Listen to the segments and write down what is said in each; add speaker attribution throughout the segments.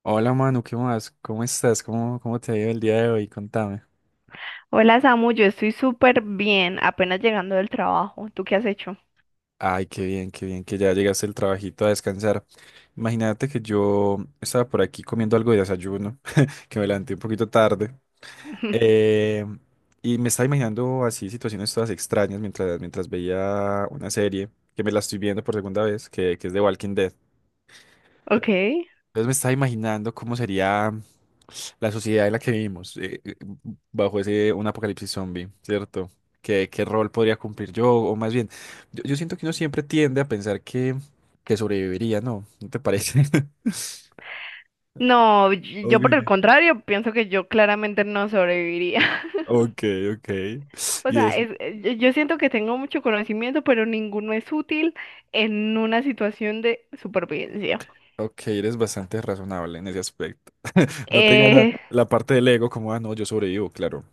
Speaker 1: Hola Manu, ¿qué más? ¿Cómo estás? ¿Cómo te ha ido el día de hoy? Contame.
Speaker 2: Hola Samu, yo estoy súper bien, apenas llegando del trabajo. ¿Tú qué has hecho?
Speaker 1: Ay, qué bien que ya llegaste el trabajito a descansar. Imagínate que yo estaba por aquí comiendo algo de desayuno, que me levanté un poquito tarde. eh, y me estaba imaginando así situaciones todas extrañas mientras veía una serie, que me la estoy viendo por segunda vez, que es de Walking Dead.
Speaker 2: Ok.
Speaker 1: Entonces me estaba imaginando cómo sería. La sociedad en la que vivimos, bajo ese un apocalipsis zombie, ¿cierto? ¿Qué rol podría cumplir yo? O más bien, yo siento que uno siempre tiende a pensar que sobreviviría, ¿no? ¿No te parece?
Speaker 2: No, yo por
Speaker 1: Ok,
Speaker 2: el contrario, pienso que yo claramente no sobreviviría.
Speaker 1: ok, ok.
Speaker 2: O
Speaker 1: Y
Speaker 2: sea,
Speaker 1: es,
Speaker 2: yo siento que tengo mucho conocimiento, pero ninguno es útil en una situación de supervivencia.
Speaker 1: ok, eres bastante razonable en ese aspecto. No te gana
Speaker 2: Eh,
Speaker 1: la parte del ego como, ah, no, yo sobrevivo, claro.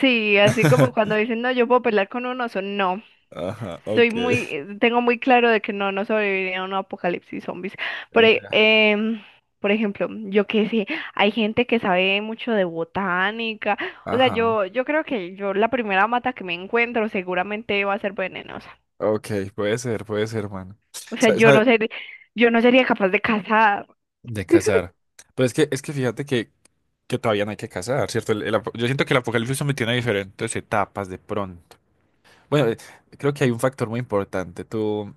Speaker 2: sí, así como cuando dicen, no, yo puedo pelear con un oso. No,
Speaker 1: Ajá,
Speaker 2: soy
Speaker 1: ok.
Speaker 2: muy, tengo muy claro de que no, no sobreviviría a un apocalipsis zombies. Por, e-
Speaker 1: Ya.
Speaker 2: em, por ejemplo, yo que sé, hay gente que sabe mucho de botánica. O sea,
Speaker 1: Ajá,
Speaker 2: yo creo que yo la primera mata que me encuentro seguramente va a ser venenosa.
Speaker 1: ok, puede ser, mano.
Speaker 2: O sea, yo no sería capaz de cazar.
Speaker 1: De cazar. Pero es que fíjate que, todavía no hay que cazar, ¿cierto? Yo siento que el apocalipsis zombie tiene diferentes etapas de pronto. Bueno, creo que hay un factor muy importante. ¿Tú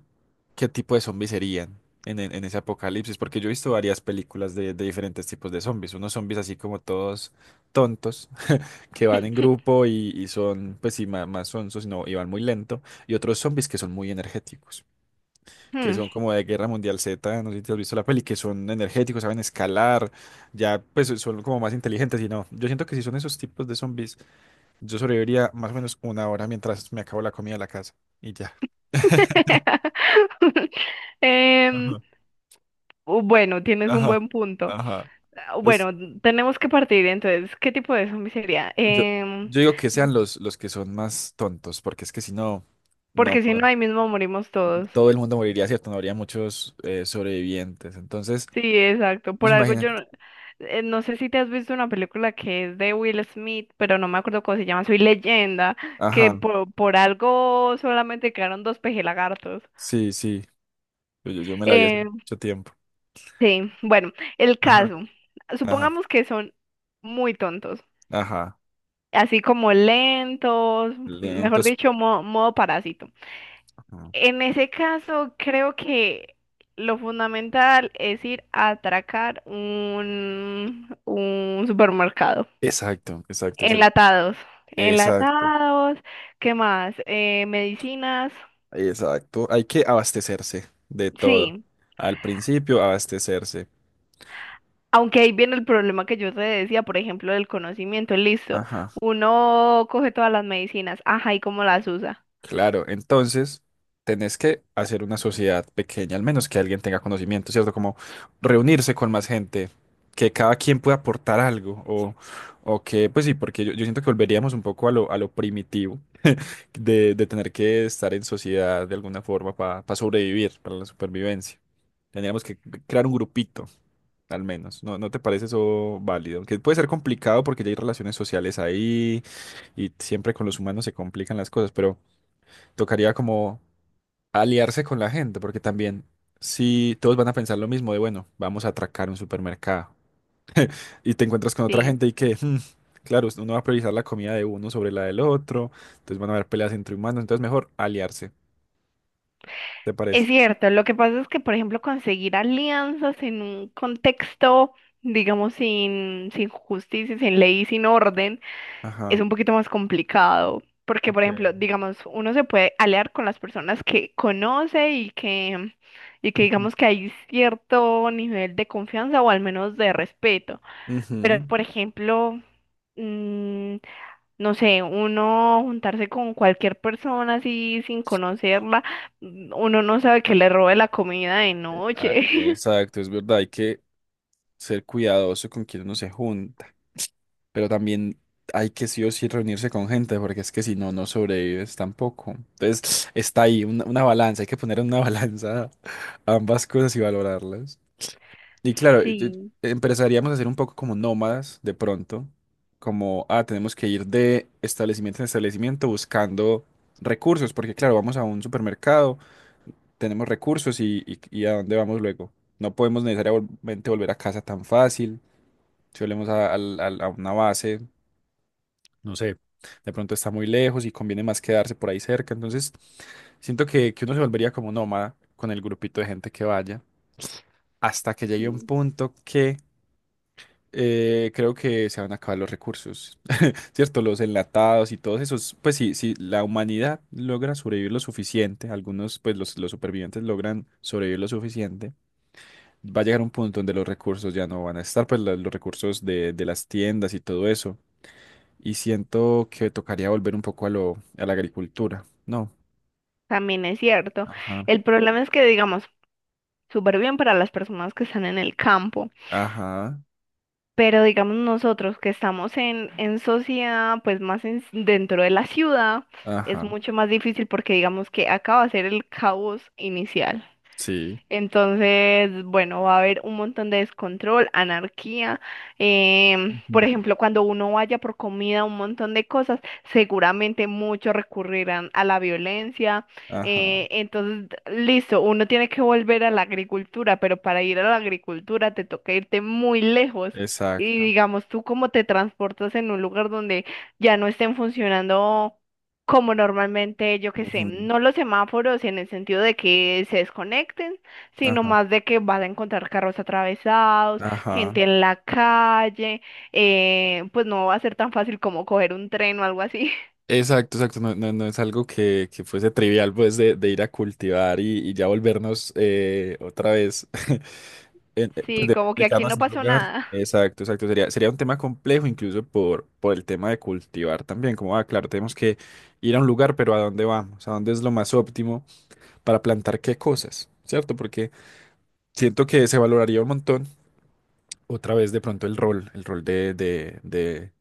Speaker 1: qué tipo de zombies serían en ese apocalipsis? Porque yo he visto varias películas de diferentes tipos de zombies. Unos zombies así como todos tontos, que van en grupo y son, pues sí, más, sonsos, no, y van muy lento. Y otros zombies que son muy energéticos que
Speaker 2: Hmm.
Speaker 1: son como de Guerra Mundial Z, no sé si te has visto la peli, que son energéticos, saben escalar, ya pues son como más inteligentes y no. Yo siento que si son esos tipos de zombies, yo sobreviviría más o menos una hora mientras me acabo la comida de la casa y ya.
Speaker 2: Em,
Speaker 1: Ajá,
Speaker 2: bueno, tienes un
Speaker 1: ajá,
Speaker 2: buen punto.
Speaker 1: ajá. Entonces,
Speaker 2: Bueno, tenemos que partir entonces. ¿Qué tipo de zombie sería?
Speaker 1: yo,
Speaker 2: Em,
Speaker 1: yo digo que sean los, que son más tontos, porque es que si no, no
Speaker 2: porque si no,
Speaker 1: podemos.
Speaker 2: ahí mismo morimos todos.
Speaker 1: Todo el mundo moriría, ¿cierto? No habría muchos sobrevivientes. Entonces,
Speaker 2: Sí, exacto.
Speaker 1: pues
Speaker 2: Por algo yo
Speaker 1: imagínate.
Speaker 2: no No sé si te has visto una película que es de Will Smith, pero no me acuerdo cómo se llama, Soy Leyenda, que
Speaker 1: Ajá,
Speaker 2: por algo solamente quedaron dos pejelagartos.
Speaker 1: sí, sí. Yo me la vi hace
Speaker 2: Eh,
Speaker 1: mucho tiempo.
Speaker 2: sí, bueno, el
Speaker 1: Ajá,
Speaker 2: caso.
Speaker 1: ajá.
Speaker 2: Supongamos que son muy tontos,
Speaker 1: Ajá,
Speaker 2: así como lentos, mejor
Speaker 1: lentos.
Speaker 2: dicho, modo parásito.
Speaker 1: Ajá.
Speaker 2: En ese caso, creo que lo fundamental es ir a atracar un supermercado.
Speaker 1: Exacto, exacto,
Speaker 2: Enlatados,
Speaker 1: exacto,
Speaker 2: enlatados, ¿qué más? Medicinas,
Speaker 1: exacto. Hay que abastecerse de todo.
Speaker 2: sí.
Speaker 1: Al principio, abastecerse.
Speaker 2: Aunque ahí viene el problema que yo te decía, por ejemplo, del conocimiento. Listo,
Speaker 1: Ajá,
Speaker 2: uno coge todas las medicinas, ajá, ¿y cómo las usa?
Speaker 1: claro. Entonces, tenés que hacer una sociedad pequeña, al menos que alguien tenga conocimiento, ¿cierto? Como reunirse con más gente, que cada quien pueda aportar algo, o que, pues sí, porque yo siento que volveríamos un poco a lo primitivo de tener que estar en sociedad de alguna forma para sobrevivir, para la supervivencia. Tendríamos que crear un grupito, al menos. ¿No te parece eso válido? Que puede ser complicado porque ya hay relaciones sociales ahí y siempre con los humanos se complican las cosas, pero tocaría como aliarse con la gente, porque también si todos van a pensar lo mismo de, bueno, vamos a atracar un supermercado y te encuentras con otra
Speaker 2: Sí.
Speaker 1: gente y que. Claro, uno va a priorizar la comida de uno sobre la del otro, entonces van a haber peleas entre humanos, entonces mejor aliarse. ¿Te
Speaker 2: Es
Speaker 1: parece?
Speaker 2: cierto, lo que pasa es que, por ejemplo, conseguir alianzas en un contexto, digamos, sin justicia, sin ley, sin orden, es
Speaker 1: Ajá.
Speaker 2: un poquito más complicado. Porque, por
Speaker 1: Ok.
Speaker 2: ejemplo, digamos, uno se puede aliar con las personas que conoce y que
Speaker 1: Ujú.
Speaker 2: digamos que hay cierto nivel de confianza o al menos de respeto. Pero,
Speaker 1: Ujú.
Speaker 2: por ejemplo, mm, no sé, uno juntarse con cualquier persona así sin conocerla, uno no sabe que le robe la comida de noche.
Speaker 1: Ah, exacto, es verdad, hay que ser cuidadoso con quien uno se junta, pero también hay que sí o sí reunirse con gente, porque es que si no, no sobrevives tampoco. Entonces, está ahí una balanza, hay que poner en una balanza ambas cosas y valorarlas. Y claro,
Speaker 2: Sí,
Speaker 1: empezaríamos a ser un poco como nómadas de pronto, como, ah, tenemos que ir de establecimiento en establecimiento buscando recursos, porque claro, vamos a un supermercado. Tenemos recursos y a dónde vamos luego. No podemos necesariamente volver a casa tan fácil. Si volvemos a una base, no sé, de pronto está muy lejos y conviene más quedarse por ahí cerca. Entonces, siento que uno se volvería como nómada con el grupito de gente que vaya, hasta que llegue un
Speaker 2: sí,
Speaker 1: punto que creo que se van a acabar los recursos, ¿cierto? Los enlatados y todos esos. Pues sí, si la humanidad logra sobrevivir lo suficiente, algunos, pues los supervivientes logran sobrevivir lo suficiente va a llegar un punto donde los recursos ya no van a estar, pues los recursos de las tiendas y todo eso. Y siento que tocaría volver un poco a la agricultura, ¿no?
Speaker 2: también es cierto.
Speaker 1: Ajá,
Speaker 2: El problema es que, digamos, súper bien para las personas que están en el campo,
Speaker 1: ajá,
Speaker 2: pero digamos nosotros que estamos en sociedad, pues más dentro de la ciudad, es
Speaker 1: ajá,
Speaker 2: mucho más difícil porque digamos que acaba de ser el caos inicial.
Speaker 1: sí,
Speaker 2: Entonces, bueno, va a haber un montón de descontrol, anarquía. Por
Speaker 1: ujú.
Speaker 2: ejemplo, cuando uno vaya por comida, un montón de cosas, seguramente muchos recurrirán a la violencia.
Speaker 1: Ajá,
Speaker 2: Entonces, listo, uno tiene que volver a la agricultura, pero para ir a la agricultura te toca irte muy lejos. Y
Speaker 1: exacto,
Speaker 2: digamos, tú cómo te transportas en un lugar donde ya no estén funcionando como normalmente, yo qué sé,
Speaker 1: ujú,
Speaker 2: no los semáforos en el sentido de que se desconecten sino
Speaker 1: ajá,
Speaker 2: más de que vas a encontrar carros atravesados,
Speaker 1: ajá.
Speaker 2: gente en la calle, pues no va a ser tan fácil como coger un tren o algo así.
Speaker 1: Exacto, exacto, no, no, no es algo que fuese trivial, pues, de ir a cultivar y ya volvernos otra vez. Pues,
Speaker 2: Sí,
Speaker 1: de,
Speaker 2: como que
Speaker 1: de cada
Speaker 2: aquí no
Speaker 1: nación al
Speaker 2: pasó
Speaker 1: lugar.
Speaker 2: nada.
Speaker 1: Exacto, exacto. Sería un tema complejo incluso por el tema de cultivar también. Como, ah, claro, tenemos que ir a un lugar, pero ¿a dónde vamos? ¿A dónde es lo más óptimo para plantar qué cosas? ¿Cierto? Porque siento que se valoraría un montón otra vez de pronto el rol de, de, de-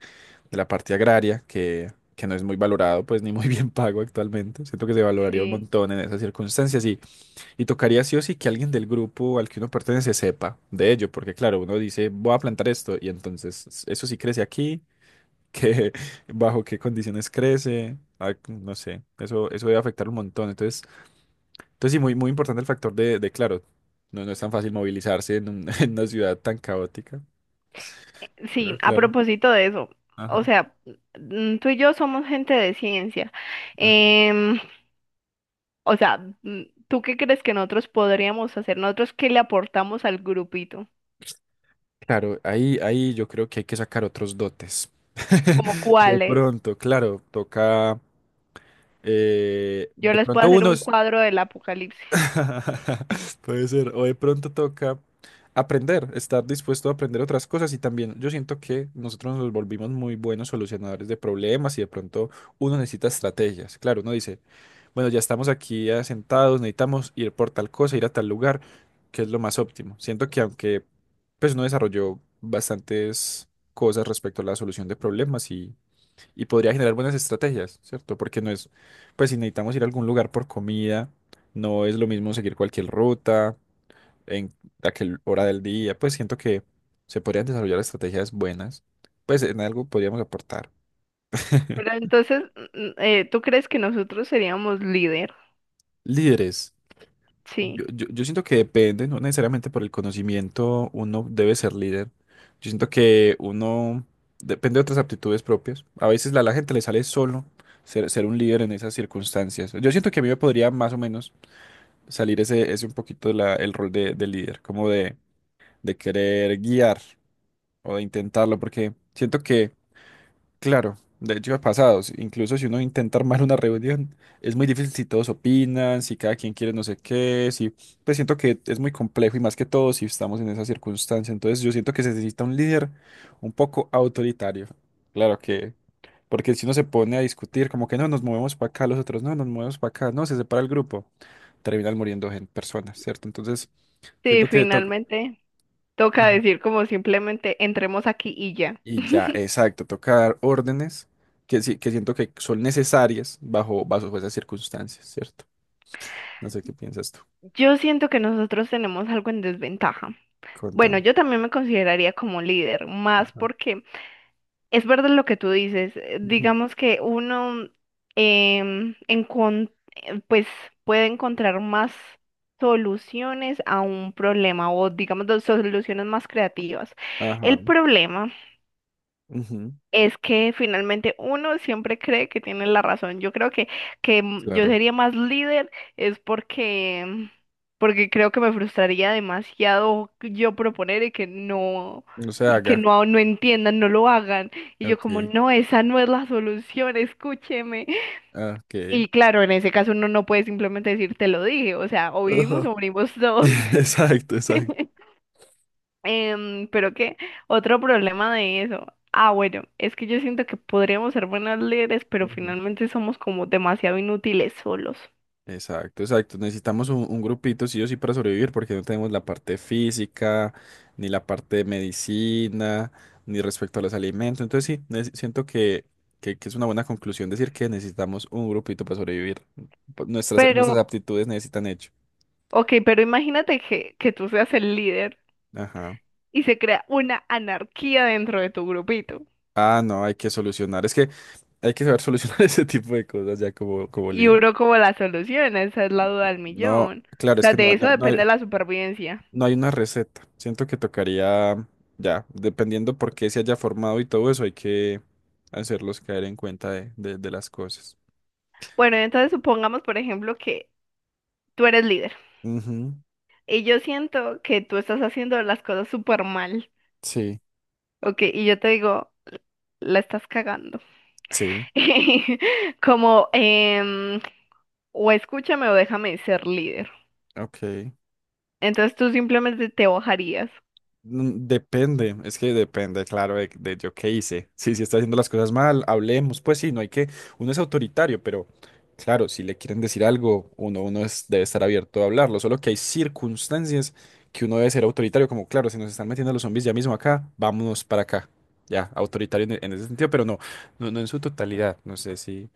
Speaker 1: de la parte agraria, que no es muy valorado, pues ni muy bien pago actualmente. Siento que se valoraría un
Speaker 2: Sí.
Speaker 1: montón en esas circunstancias y tocaría sí o sí que alguien del grupo al que uno pertenece sepa de ello, porque claro, uno dice, voy a plantar esto, y entonces eso sí crece aquí, que bajo qué condiciones crece, ah, no sé, eso debe afectar un montón. entonces sí, muy, muy importante el factor de claro, no es tan fácil movilizarse en una ciudad tan caótica,
Speaker 2: Sí,
Speaker 1: pero
Speaker 2: a
Speaker 1: claro,
Speaker 2: propósito de eso, o
Speaker 1: ajá,
Speaker 2: sea, tú y yo somos gente de ciencia.
Speaker 1: ajá.
Speaker 2: Em, o sea, mm, ¿tú qué crees que nosotros podríamos hacer? ¿Nosotros qué le aportamos al grupito?
Speaker 1: Claro, ahí yo creo que hay que sacar otros dotes.
Speaker 2: ¿Como
Speaker 1: De
Speaker 2: cuáles?
Speaker 1: pronto, claro, toca.
Speaker 2: Yo
Speaker 1: De
Speaker 2: les puedo
Speaker 1: pronto
Speaker 2: hacer
Speaker 1: uno
Speaker 2: un cuadro del apocalipsis.
Speaker 1: puede ser. O de pronto toca aprender, estar dispuesto a aprender otras cosas. Y también yo siento que nosotros nos volvimos muy buenos solucionadores de problemas y de pronto uno necesita estrategias. Claro, uno dice, bueno, ya estamos aquí ya sentados, necesitamos ir por tal cosa, ir a tal lugar, que es lo más óptimo. Siento que aunque pues uno desarrolló bastantes cosas respecto a la solución de problemas y podría generar buenas estrategias, ¿cierto? Porque no es, pues si necesitamos ir a algún lugar por comida, no es lo mismo seguir cualquier ruta en aquel hora del día, pues siento que se podrían desarrollar estrategias buenas, pues en algo podríamos aportar.
Speaker 2: Pero entonces, ¿tú crees que nosotros seríamos líder?
Speaker 1: Líderes, yo,
Speaker 2: Sí.
Speaker 1: yo, yo siento que depende, no necesariamente por el conocimiento uno debe ser líder, yo siento que uno depende de otras aptitudes propias, a veces a la gente le sale solo ser un líder en esas circunstancias, yo siento que a mí me podría más o menos salir ese un poquito el rol de líder, como de querer guiar o de intentarlo, porque siento que, claro, de hecho ha pasado, incluso si uno intenta armar una reunión, es muy difícil si todos opinan, si cada quien quiere no sé qué, si, pues siento que es muy complejo y más que todo si estamos en esa circunstancia, entonces yo siento que se necesita un líder un poco autoritario, claro. Porque si uno se pone a discutir, como que no, nos movemos para acá, los otros no, nos movemos para acá, no, se separa el grupo, terminan muriendo personas, ¿cierto? Entonces,
Speaker 2: Sí,
Speaker 1: siento que toca.
Speaker 2: finalmente toca
Speaker 1: Ajá.
Speaker 2: decir como simplemente entremos aquí y ya.
Speaker 1: Y ya, exacto, toca dar órdenes que, sí, que siento que son necesarias bajo esas circunstancias, ¿cierto? No sé qué piensas tú.
Speaker 2: Yo siento que nosotros tenemos algo en desventaja. Bueno,
Speaker 1: Contame.
Speaker 2: yo también me consideraría como líder, más
Speaker 1: Ajá.
Speaker 2: porque es verdad lo que tú dices.
Speaker 1: Ujú.
Speaker 2: Digamos que uno pues puede encontrar más soluciones a un problema o digamos dos soluciones más creativas.
Speaker 1: Ajá.
Speaker 2: El problema
Speaker 1: Ujú.
Speaker 2: es que finalmente uno siempre cree que tiene la razón. Yo creo que yo
Speaker 1: Claro.
Speaker 2: sería más líder es porque, porque creo que me frustraría demasiado yo proponer
Speaker 1: No se
Speaker 2: y que
Speaker 1: haga.
Speaker 2: no, no entiendan, no lo hagan. Y yo como,
Speaker 1: Ok.
Speaker 2: no, esa no es la solución, escúcheme.
Speaker 1: Ah, ok.
Speaker 2: Y claro, en ese caso uno no puede simplemente decir, te lo dije, o sea, o vivimos
Speaker 1: Ajá.
Speaker 2: o morimos todos.
Speaker 1: Exacto, exacto.
Speaker 2: Pero qué, otro problema de eso. Ah, bueno, es que yo siento que podríamos ser buenos líderes, pero
Speaker 1: Ujú.
Speaker 2: finalmente somos como demasiado inútiles solos.
Speaker 1: Exacto, exacto. Necesitamos un grupito, sí o sí, para sobrevivir, porque no tenemos la parte física, ni la parte de medicina, ni respecto a los alimentos. Entonces sí, siento que es una buena conclusión decir que necesitamos un grupito para sobrevivir. Nuestras,
Speaker 2: Pero,
Speaker 1: nuestras aptitudes necesitan hecho.
Speaker 2: ok, pero imagínate que tú seas el líder
Speaker 1: Ajá.
Speaker 2: y se crea una anarquía dentro de tu grupito.
Speaker 1: Ah, no, hay que solucionar. Es que hay que saber solucionar ese tipo de cosas ya como
Speaker 2: Y
Speaker 1: líder.
Speaker 2: uno como la solución, esa es la duda del
Speaker 1: No,
Speaker 2: millón. O
Speaker 1: claro, es
Speaker 2: sea,
Speaker 1: que no,
Speaker 2: de
Speaker 1: no,
Speaker 2: eso
Speaker 1: no hay.
Speaker 2: depende la supervivencia.
Speaker 1: No hay una receta. Siento que tocaría, ya, dependiendo por qué se haya formado y todo eso, hay que hacerlos caer en cuenta de las cosas.
Speaker 2: Bueno, entonces supongamos, por ejemplo, que tú eres líder
Speaker 1: Ujú,
Speaker 2: y yo siento que tú estás haciendo las cosas súper mal.
Speaker 1: sí,
Speaker 2: Ok, y yo te digo... la estás cagando.
Speaker 1: sí,
Speaker 2: Como, o escúchame o déjame ser líder.
Speaker 1: ok.
Speaker 2: Entonces tú simplemente te bajarías.
Speaker 1: Depende, es que depende, claro, de yo qué hice. Sí, si está haciendo las cosas mal, hablemos, pues sí, no hay que, uno es autoritario, pero claro, si le quieren decir algo, uno debe estar abierto a hablarlo, solo que hay circunstancias que uno debe ser autoritario, como claro, si nos están metiendo los zombies ya mismo acá, vámonos para acá. Ya, autoritario en ese sentido, pero no, no, no en su totalidad, no sé si,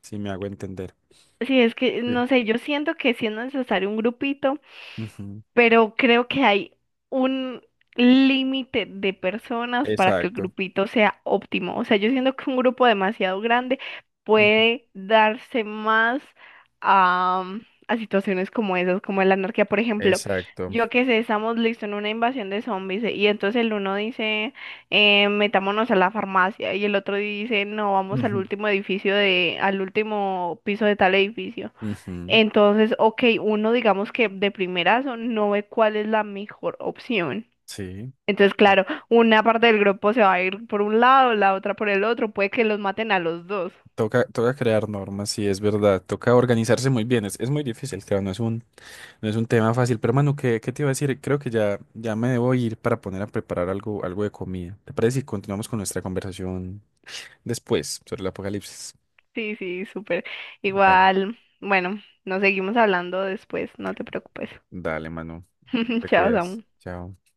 Speaker 1: si me hago entender.
Speaker 2: Sí, es que,
Speaker 1: Sí.
Speaker 2: no sé, yo siento que si es necesario un grupito,
Speaker 1: Ujú,
Speaker 2: pero creo que hay un límite de personas para que el
Speaker 1: exacto.
Speaker 2: grupito sea óptimo. O sea, yo siento que un grupo demasiado grande
Speaker 1: Ujú,
Speaker 2: puede darse más a, a situaciones como esas, como la anarquía, por ejemplo.
Speaker 1: exacto.
Speaker 2: Yo que sé, estamos listos en una invasión de zombies y entonces el uno dice, metámonos a la farmacia y el otro dice, no, vamos al
Speaker 1: Ujú,
Speaker 2: último edificio de, al último piso de tal edificio.
Speaker 1: ujú,
Speaker 2: Entonces, ok, uno digamos que de primerazo no ve cuál es la mejor opción.
Speaker 1: sí.
Speaker 2: Entonces, claro, una parte del grupo se va a ir por un lado, la otra por el otro, puede que los maten a los dos.
Speaker 1: Toca crear normas, sí, es verdad. Toca organizarse muy bien. Es muy difícil, claro, no es un tema fácil. Pero, hermano, ¿qué te iba a decir? Creo que ya me debo ir para poner a preparar algo, de comida. ¿Te parece si continuamos con nuestra conversación después sobre el apocalipsis?
Speaker 2: Sí, sí, súper.
Speaker 1: Vale.
Speaker 2: Igual, bueno, nos seguimos hablando después, no te preocupes.
Speaker 1: Dale, Manu. Te
Speaker 2: Chao,
Speaker 1: cuidas.
Speaker 2: Samu.
Speaker 1: Chao.